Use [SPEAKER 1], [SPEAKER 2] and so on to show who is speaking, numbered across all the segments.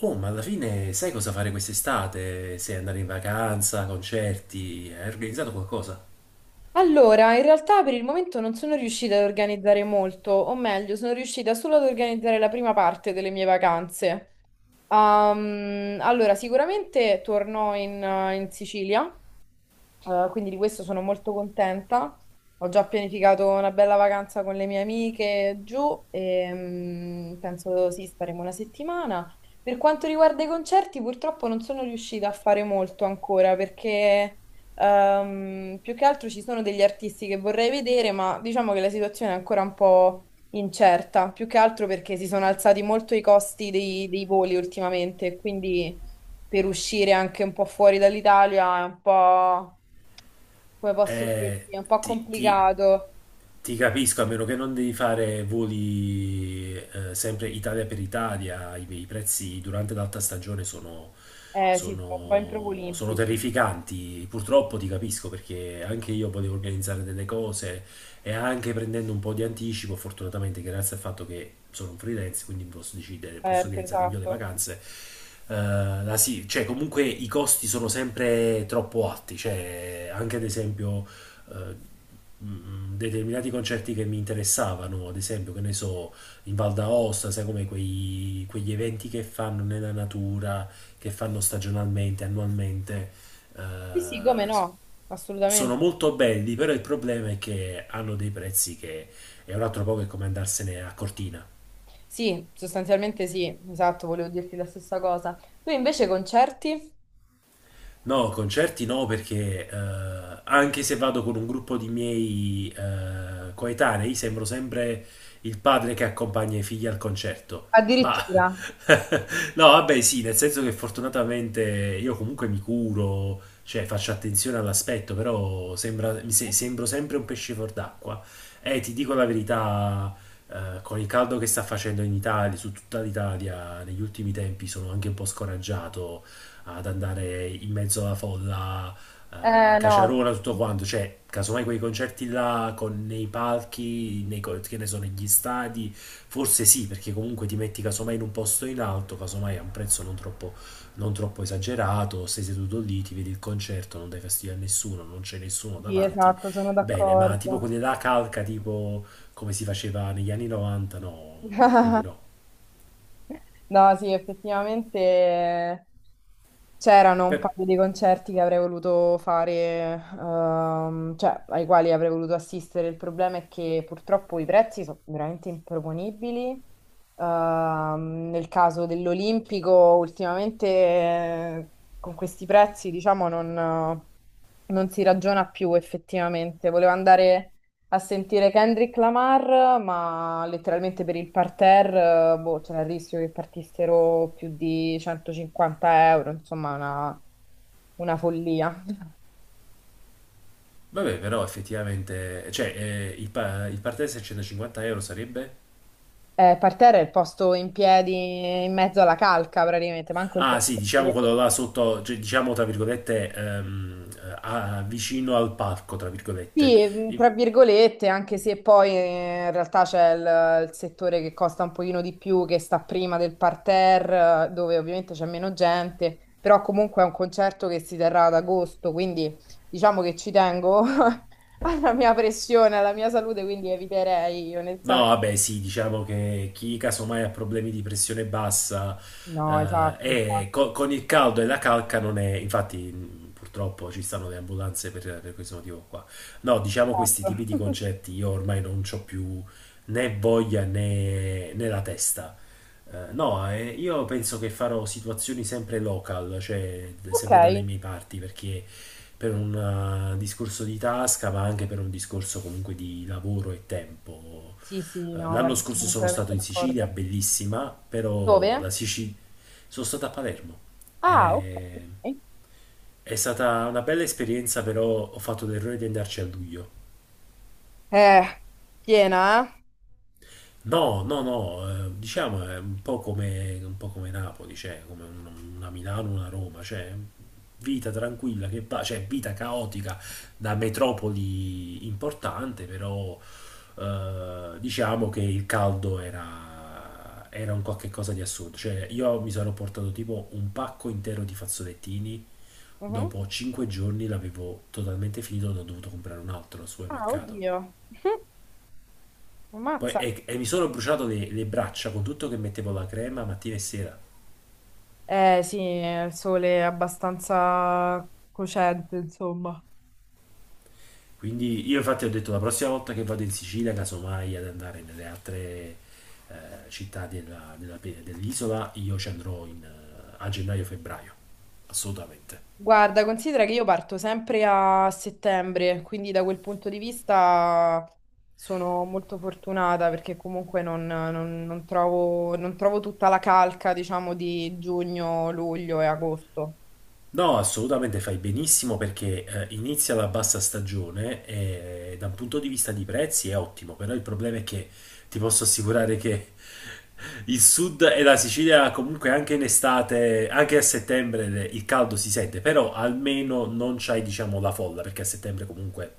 [SPEAKER 1] Oh, ma alla fine sai cosa fare quest'estate? Se andare in vacanza, concerti, hai organizzato qualcosa?
[SPEAKER 2] Allora, in realtà per il momento non sono riuscita ad organizzare molto, o meglio, sono riuscita solo ad organizzare la prima parte delle mie vacanze. Allora, sicuramente torno in Sicilia, quindi di questo sono molto contenta. Ho già pianificato una bella vacanza con le mie amiche giù e mm, penso sì, staremo 1 settimana. Per quanto riguarda i concerti, purtroppo non sono riuscita a fare molto ancora perché più che altro ci sono degli artisti che vorrei vedere, ma diciamo che la situazione è ancora un po' incerta, più che altro perché si sono alzati molto i costi dei voli ultimamente, quindi per uscire anche un po' fuori dall'Italia è un po', come posso
[SPEAKER 1] Eh,
[SPEAKER 2] dirti, è un po'
[SPEAKER 1] ti, ti
[SPEAKER 2] complicato.
[SPEAKER 1] Ti capisco, a meno che non devi fare voli sempre Italia per Italia, i prezzi durante l'alta stagione sono,
[SPEAKER 2] Eh sì, sono un po' in proprio
[SPEAKER 1] sono, sono
[SPEAKER 2] olimpici.
[SPEAKER 1] terrificanti. Purtroppo ti capisco perché anche io potevo organizzare delle cose e anche prendendo un po' di anticipo, fortunatamente grazie al fatto che sono un freelance, quindi posso decidere, posso
[SPEAKER 2] Certo,
[SPEAKER 1] organizzare meglio le
[SPEAKER 2] esatto.
[SPEAKER 1] vacanze. eh, cioè comunque i costi sono sempre troppo alti, cioè anche ad esempio determinati concerti che mi interessavano, ad esempio, che ne so, in Val d'Aosta, sai come quegli eventi che fanno nella natura, che fanno stagionalmente, annualmente, eh,
[SPEAKER 2] Sì, sì, come
[SPEAKER 1] s-
[SPEAKER 2] no,
[SPEAKER 1] sono
[SPEAKER 2] assolutamente.
[SPEAKER 1] molto belli, però il problema è che hanno dei prezzi che è un altro po' che come andarsene a Cortina.
[SPEAKER 2] Sì, sostanzialmente sì, esatto, volevo dirti la stessa cosa. Tu invece concerti?
[SPEAKER 1] No, concerti no, perché anche se vado con un gruppo di miei coetanei, sembro sempre il padre che accompagna i figli al concerto. Ma
[SPEAKER 2] Addirittura.
[SPEAKER 1] no, vabbè, sì, nel senso che fortunatamente io comunque mi curo, cioè faccio attenzione all'aspetto, però sembra, mi se- sembro sempre un pesce fuor d'acqua. E ti dico la verità, con il caldo che sta facendo in Italia, su tutta l'Italia, negli ultimi tempi sono anche un po' scoraggiato ad andare in mezzo alla folla,
[SPEAKER 2] Eh no,
[SPEAKER 1] caciarona, tutto quanto. Cioè, casomai quei concerti là con nei palchi, che ne so, negli stadi, forse sì, perché comunque ti metti casomai in un posto in alto, casomai a un prezzo non troppo esagerato, sei seduto lì, ti vedi il concerto, non dai fastidio a nessuno, non c'è nessuno
[SPEAKER 2] sì,
[SPEAKER 1] davanti.
[SPEAKER 2] esatto, sono
[SPEAKER 1] Bene, ma tipo
[SPEAKER 2] d'accordo.
[SPEAKER 1] quelli là calca, tipo come si faceva negli anni 90, no, quelli no.
[SPEAKER 2] No, sì, effettivamente c'erano un
[SPEAKER 1] Beh,
[SPEAKER 2] paio di concerti che avrei voluto fare, cioè ai quali avrei voluto assistere. Il problema è che purtroppo i prezzi sono veramente improponibili. Nel caso dell'Olimpico, ultimamente, con questi prezzi, diciamo, non si ragiona più effettivamente. Volevo andare a sentire Kendrick Lamar, ma letteralmente per il parterre, boh, c'era il rischio che partissero più di 150 euro, insomma, una follia.
[SPEAKER 1] vabbè, però effettivamente, cioè, il partenza a 150 € sarebbe?
[SPEAKER 2] Parterre è il posto in piedi in mezzo alla calca, praticamente, manco il
[SPEAKER 1] Ah,
[SPEAKER 2] posto
[SPEAKER 1] sì,
[SPEAKER 2] per
[SPEAKER 1] diciamo
[SPEAKER 2] sedere.
[SPEAKER 1] quello là sotto, cioè, diciamo tra virgolette, vicino al parco, tra virgolette.
[SPEAKER 2] Sì, tra virgolette, anche se poi in realtà c'è il settore che costa un pochino di più, che sta prima del parterre, dove ovviamente c'è meno gente, però comunque è un concerto che si terrà ad agosto, quindi diciamo che ci tengo alla mia pressione, alla mia salute, quindi eviterei
[SPEAKER 1] No,
[SPEAKER 2] onestamente.
[SPEAKER 1] vabbè, sì, diciamo che chi casomai ha problemi di pressione bassa
[SPEAKER 2] No, esatto, infatti.
[SPEAKER 1] con il caldo e la calca non è, infatti purtroppo ci stanno le ambulanze per questo motivo qua. No, diciamo questi
[SPEAKER 2] Esatto.
[SPEAKER 1] tipi di concetti io ormai non ho più né voglia né la testa. No, io penso che farò situazioni sempre local, cioè
[SPEAKER 2] Ok,
[SPEAKER 1] sempre dalle mie parti, perché per un discorso di tasca, ma anche per un discorso comunque di lavoro e tempo.
[SPEAKER 2] sì, sì, no,
[SPEAKER 1] L'anno
[SPEAKER 2] guarda, sono
[SPEAKER 1] scorso sono stato
[SPEAKER 2] completamente
[SPEAKER 1] in Sicilia,
[SPEAKER 2] d'accordo.
[SPEAKER 1] bellissima, però
[SPEAKER 2] Dove?
[SPEAKER 1] la Sicilia... Sono stato a Palermo.
[SPEAKER 2] Ah, ok.
[SPEAKER 1] Eh,
[SPEAKER 2] Ok.
[SPEAKER 1] È stata una bella esperienza, però ho fatto l'errore di andarci a luglio.
[SPEAKER 2] Eh, piena, eh?
[SPEAKER 1] No, no, no, diciamo è un po' come Napoli, cioè come una Milano, una Roma, cioè vita tranquilla che va, cioè vita caotica da metropoli importante, però diciamo che il caldo era un qualche cosa di assurdo, cioè io mi sono portato tipo un pacco intero di fazzolettini,
[SPEAKER 2] Mhm.
[SPEAKER 1] dopo 5 giorni l'avevo totalmente finito, ne ho dovuto comprare un altro al
[SPEAKER 2] Ah,
[SPEAKER 1] supermercato.
[SPEAKER 2] oddio.
[SPEAKER 1] Poi-
[SPEAKER 2] Ammazza.
[SPEAKER 1] e, e mi sono bruciato le braccia con tutto che mettevo la crema mattina e sera.
[SPEAKER 2] Eh sì, il sole è abbastanza cocente, insomma.
[SPEAKER 1] Quindi io infatti ho detto la prossima volta che vado in Sicilia, casomai ad andare nelle altre eh, città dell'isola, io ci andrò a gennaio-febbraio, assolutamente.
[SPEAKER 2] Guarda, considera che io parto sempre a settembre, quindi da quel punto di vista sono molto fortunata perché comunque non trovo, non trovo tutta la calca, diciamo, di giugno, luglio e agosto.
[SPEAKER 1] No, assolutamente fai benissimo perché inizia la bassa stagione e da un punto di vista di prezzi è ottimo, però il problema è che ti posso assicurare che il sud e la Sicilia comunque anche in estate, anche a settembre il caldo si sente, però almeno non c'hai diciamo la folla perché a settembre comunque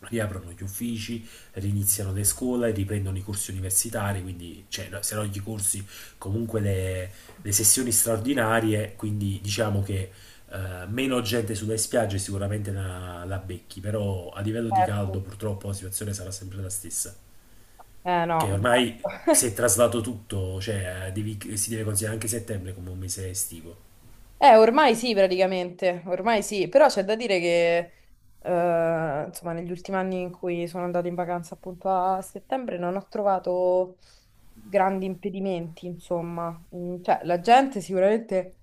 [SPEAKER 1] riaprono gli uffici, riniziano le scuole, riprendono i corsi universitari, quindi cioè, no, se no gli corsi, comunque le sessioni straordinarie, quindi diciamo che meno gente sulle spiagge sicuramente la becchi, però a livello di caldo
[SPEAKER 2] Certo.
[SPEAKER 1] purtroppo la situazione sarà sempre la stessa,
[SPEAKER 2] Eh
[SPEAKER 1] che
[SPEAKER 2] no.
[SPEAKER 1] ormai si è traslato tutto, cioè si deve considerare anche settembre come un mese estivo.
[SPEAKER 2] Ormai sì, praticamente, ormai sì, però c'è da dire che, insomma, negli ultimi anni in cui sono andata in vacanza appunto a settembre non ho trovato grandi impedimenti, insomma. Mm, cioè, la gente sicuramente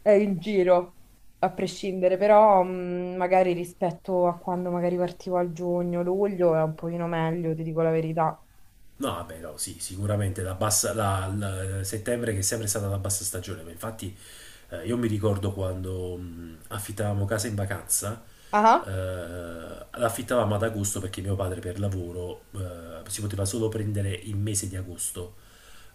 [SPEAKER 2] è in giro, a prescindere, però mm, magari rispetto a quando magari partivo a giugno, luglio è un pochino meglio, ti dico la verità.
[SPEAKER 1] No, vabbè, no, sì, sicuramente la bassa, settembre che è sempre stata la bassa stagione, ma infatti io mi ricordo quando affittavamo casa in vacanza,
[SPEAKER 2] Ah, ah.
[SPEAKER 1] eh, l'affittavamo ad agosto perché mio padre per lavoro si poteva solo prendere il mese di agosto.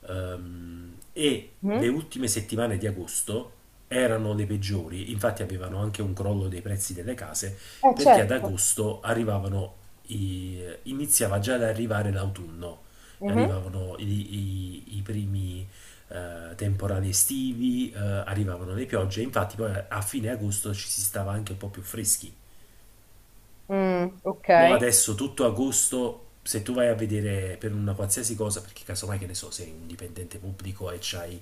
[SPEAKER 1] E le
[SPEAKER 2] Mhm.
[SPEAKER 1] ultime settimane di agosto erano le peggiori, infatti avevano anche un crollo dei prezzi delle case, perché ad
[SPEAKER 2] Certo.
[SPEAKER 1] agosto arrivavano iniziava già ad arrivare l'autunno,
[SPEAKER 2] Mhm.
[SPEAKER 1] arrivavano i primi temporali estivi, arrivavano le piogge, infatti poi a fine agosto ci si stava anche un po' più freschi.
[SPEAKER 2] Mm, ok,
[SPEAKER 1] Mo adesso tutto agosto, se tu vai a vedere per una qualsiasi cosa, perché casomai che ne so, sei un dipendente pubblico e c'hai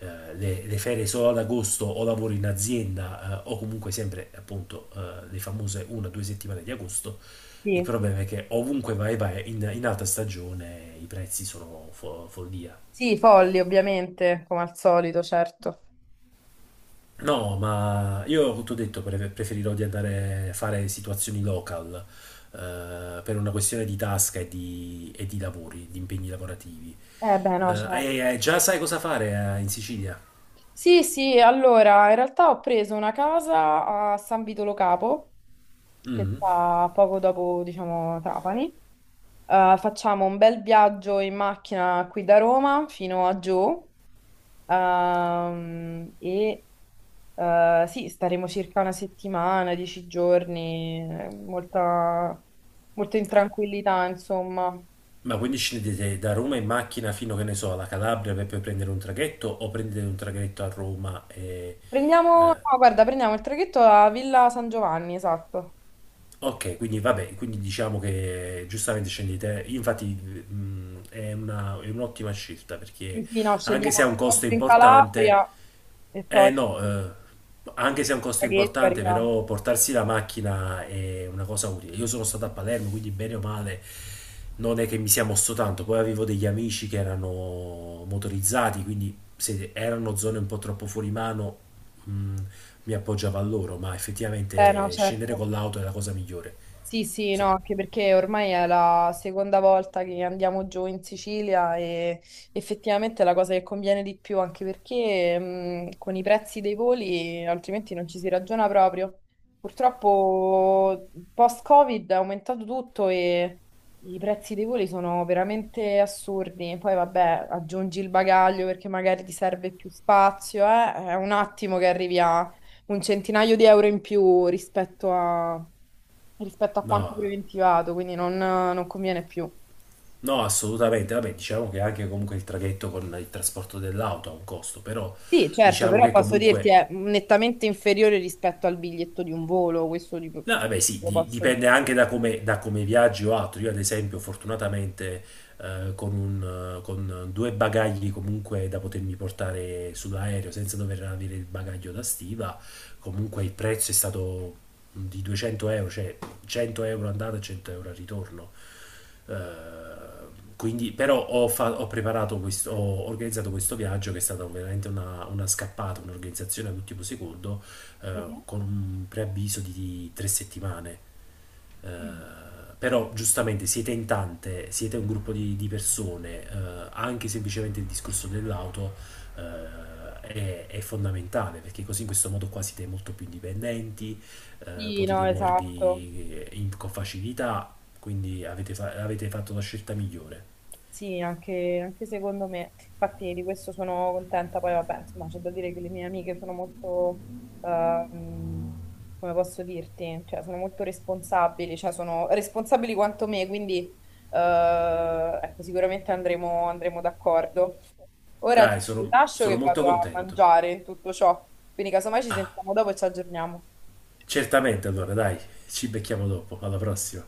[SPEAKER 1] le ferie solo ad agosto o lavori in azienda o comunque sempre appunto le famose una o due settimane di agosto, il
[SPEAKER 2] sì.
[SPEAKER 1] problema è che ovunque vai in alta stagione i prezzi sono follia.
[SPEAKER 2] Sì, folli ovviamente, come al solito, certo.
[SPEAKER 1] No, ma io ti ho detto, preferirò di andare a fare situazioni local, per una questione di tasca e di lavori, di impegni lavorativi.
[SPEAKER 2] Eh beh, no, cioè,
[SPEAKER 1] Già sai cosa fare in Sicilia?
[SPEAKER 2] sì, sì, allora, in realtà ho preso una casa a San Vito Lo Capo, che
[SPEAKER 1] Mm.
[SPEAKER 2] sta poco dopo, diciamo, Trapani. Facciamo un bel viaggio in macchina qui da Roma fino a giù, e, sì, staremo circa una settimana, 10 giorni, molto in tranquillità, insomma.
[SPEAKER 1] Ma quindi scendete da Roma in macchina fino, che ne so, alla Calabria per poi prendere un traghetto o prendete un traghetto a Roma e...
[SPEAKER 2] Prendiamo,
[SPEAKER 1] eh,
[SPEAKER 2] no, guarda, prendiamo il traghetto a Villa San Giovanni, esatto.
[SPEAKER 1] Ok, quindi vabbè, quindi diciamo che giustamente scendi di te, infatti è è un'ottima scelta
[SPEAKER 2] Sì,
[SPEAKER 1] perché
[SPEAKER 2] sì, no,
[SPEAKER 1] anche se
[SPEAKER 2] scendiamo
[SPEAKER 1] ha un
[SPEAKER 2] un po'
[SPEAKER 1] costo
[SPEAKER 2] più in
[SPEAKER 1] importante,
[SPEAKER 2] Calabria e
[SPEAKER 1] eh
[SPEAKER 2] poi
[SPEAKER 1] no,
[SPEAKER 2] il
[SPEAKER 1] eh, anche se ha un costo
[SPEAKER 2] traghetto e
[SPEAKER 1] importante,
[SPEAKER 2] arriviamo.
[SPEAKER 1] però portarsi la macchina è una cosa utile. Io sono stato a Palermo, quindi bene o male non è che mi sia mosso tanto, poi avevo degli amici che erano motorizzati, quindi se erano zone un po' troppo fuori mano, mh, mi appoggiavo a loro, ma
[SPEAKER 2] Eh no,
[SPEAKER 1] effettivamente scendere
[SPEAKER 2] certo.
[SPEAKER 1] con l'auto è la cosa migliore.
[SPEAKER 2] Sì, sì, no,
[SPEAKER 1] So-
[SPEAKER 2] anche perché ormai è la seconda volta che andiamo giù in Sicilia e effettivamente è la cosa che conviene di più, anche perché con i prezzi dei voli altrimenti non ci si ragiona proprio. Purtroppo post-Covid è aumentato tutto e i prezzi dei voli sono veramente assurdi. Poi vabbè, aggiungi il bagaglio perché magari ti serve più spazio, eh? È un attimo che arrivi a un centinaio di euro in più rispetto a quanto
[SPEAKER 1] No,
[SPEAKER 2] preventivato, quindi non conviene più.
[SPEAKER 1] no, assolutamente. Vabbè, diciamo che anche comunque il traghetto con il trasporto dell'auto ha un costo, però
[SPEAKER 2] Sì, certo,
[SPEAKER 1] diciamo
[SPEAKER 2] però
[SPEAKER 1] che
[SPEAKER 2] posso dirti
[SPEAKER 1] comunque.
[SPEAKER 2] è nettamente inferiore rispetto al biglietto di un volo, questo di- lo
[SPEAKER 1] No, vabbè, sì,
[SPEAKER 2] posso dire.
[SPEAKER 1] dipende anche da come viaggi o altro. Io, ad esempio, fortunatamente con due bagagli comunque da potermi portare sull'aereo senza dover avere il bagaglio da stiva, comunque il prezzo è stato di 200 euro, cioè 100 € andata e 100 € al ritorno. Eh, quindi, però ho preparato questo, ho organizzato questo viaggio che è stata veramente una scappata, un'organizzazione all'ultimo secondo
[SPEAKER 2] Mhm.
[SPEAKER 1] con un preavviso di 3 settimane. Eh, Però giustamente siete in tante, siete un gruppo di persone, anche semplicemente il discorso dell'auto è fondamentale perché così in questo modo qua siete molto più indipendenti,
[SPEAKER 2] Sì, no,
[SPEAKER 1] potete
[SPEAKER 2] esatto.
[SPEAKER 1] muovervi con facilità, quindi avete fatto la scelta migliore.
[SPEAKER 2] Sì, anche secondo me. Infatti di questo sono contenta. Poi vabbè, insomma, c'è da dire che le mie amiche sono molto, ehm, come posso dirti, cioè sono molto responsabili, cioè sono responsabili quanto me, quindi ecco, sicuramente andremo, andremo d'accordo. Ora ti
[SPEAKER 1] Dai, sono
[SPEAKER 2] lascio
[SPEAKER 1] sono
[SPEAKER 2] che vado
[SPEAKER 1] molto
[SPEAKER 2] a
[SPEAKER 1] contento.
[SPEAKER 2] mangiare in tutto ciò, quindi casomai ci sentiamo dopo e ci aggiorniamo.
[SPEAKER 1] Certamente allora, dai, ci becchiamo dopo, alla prossima.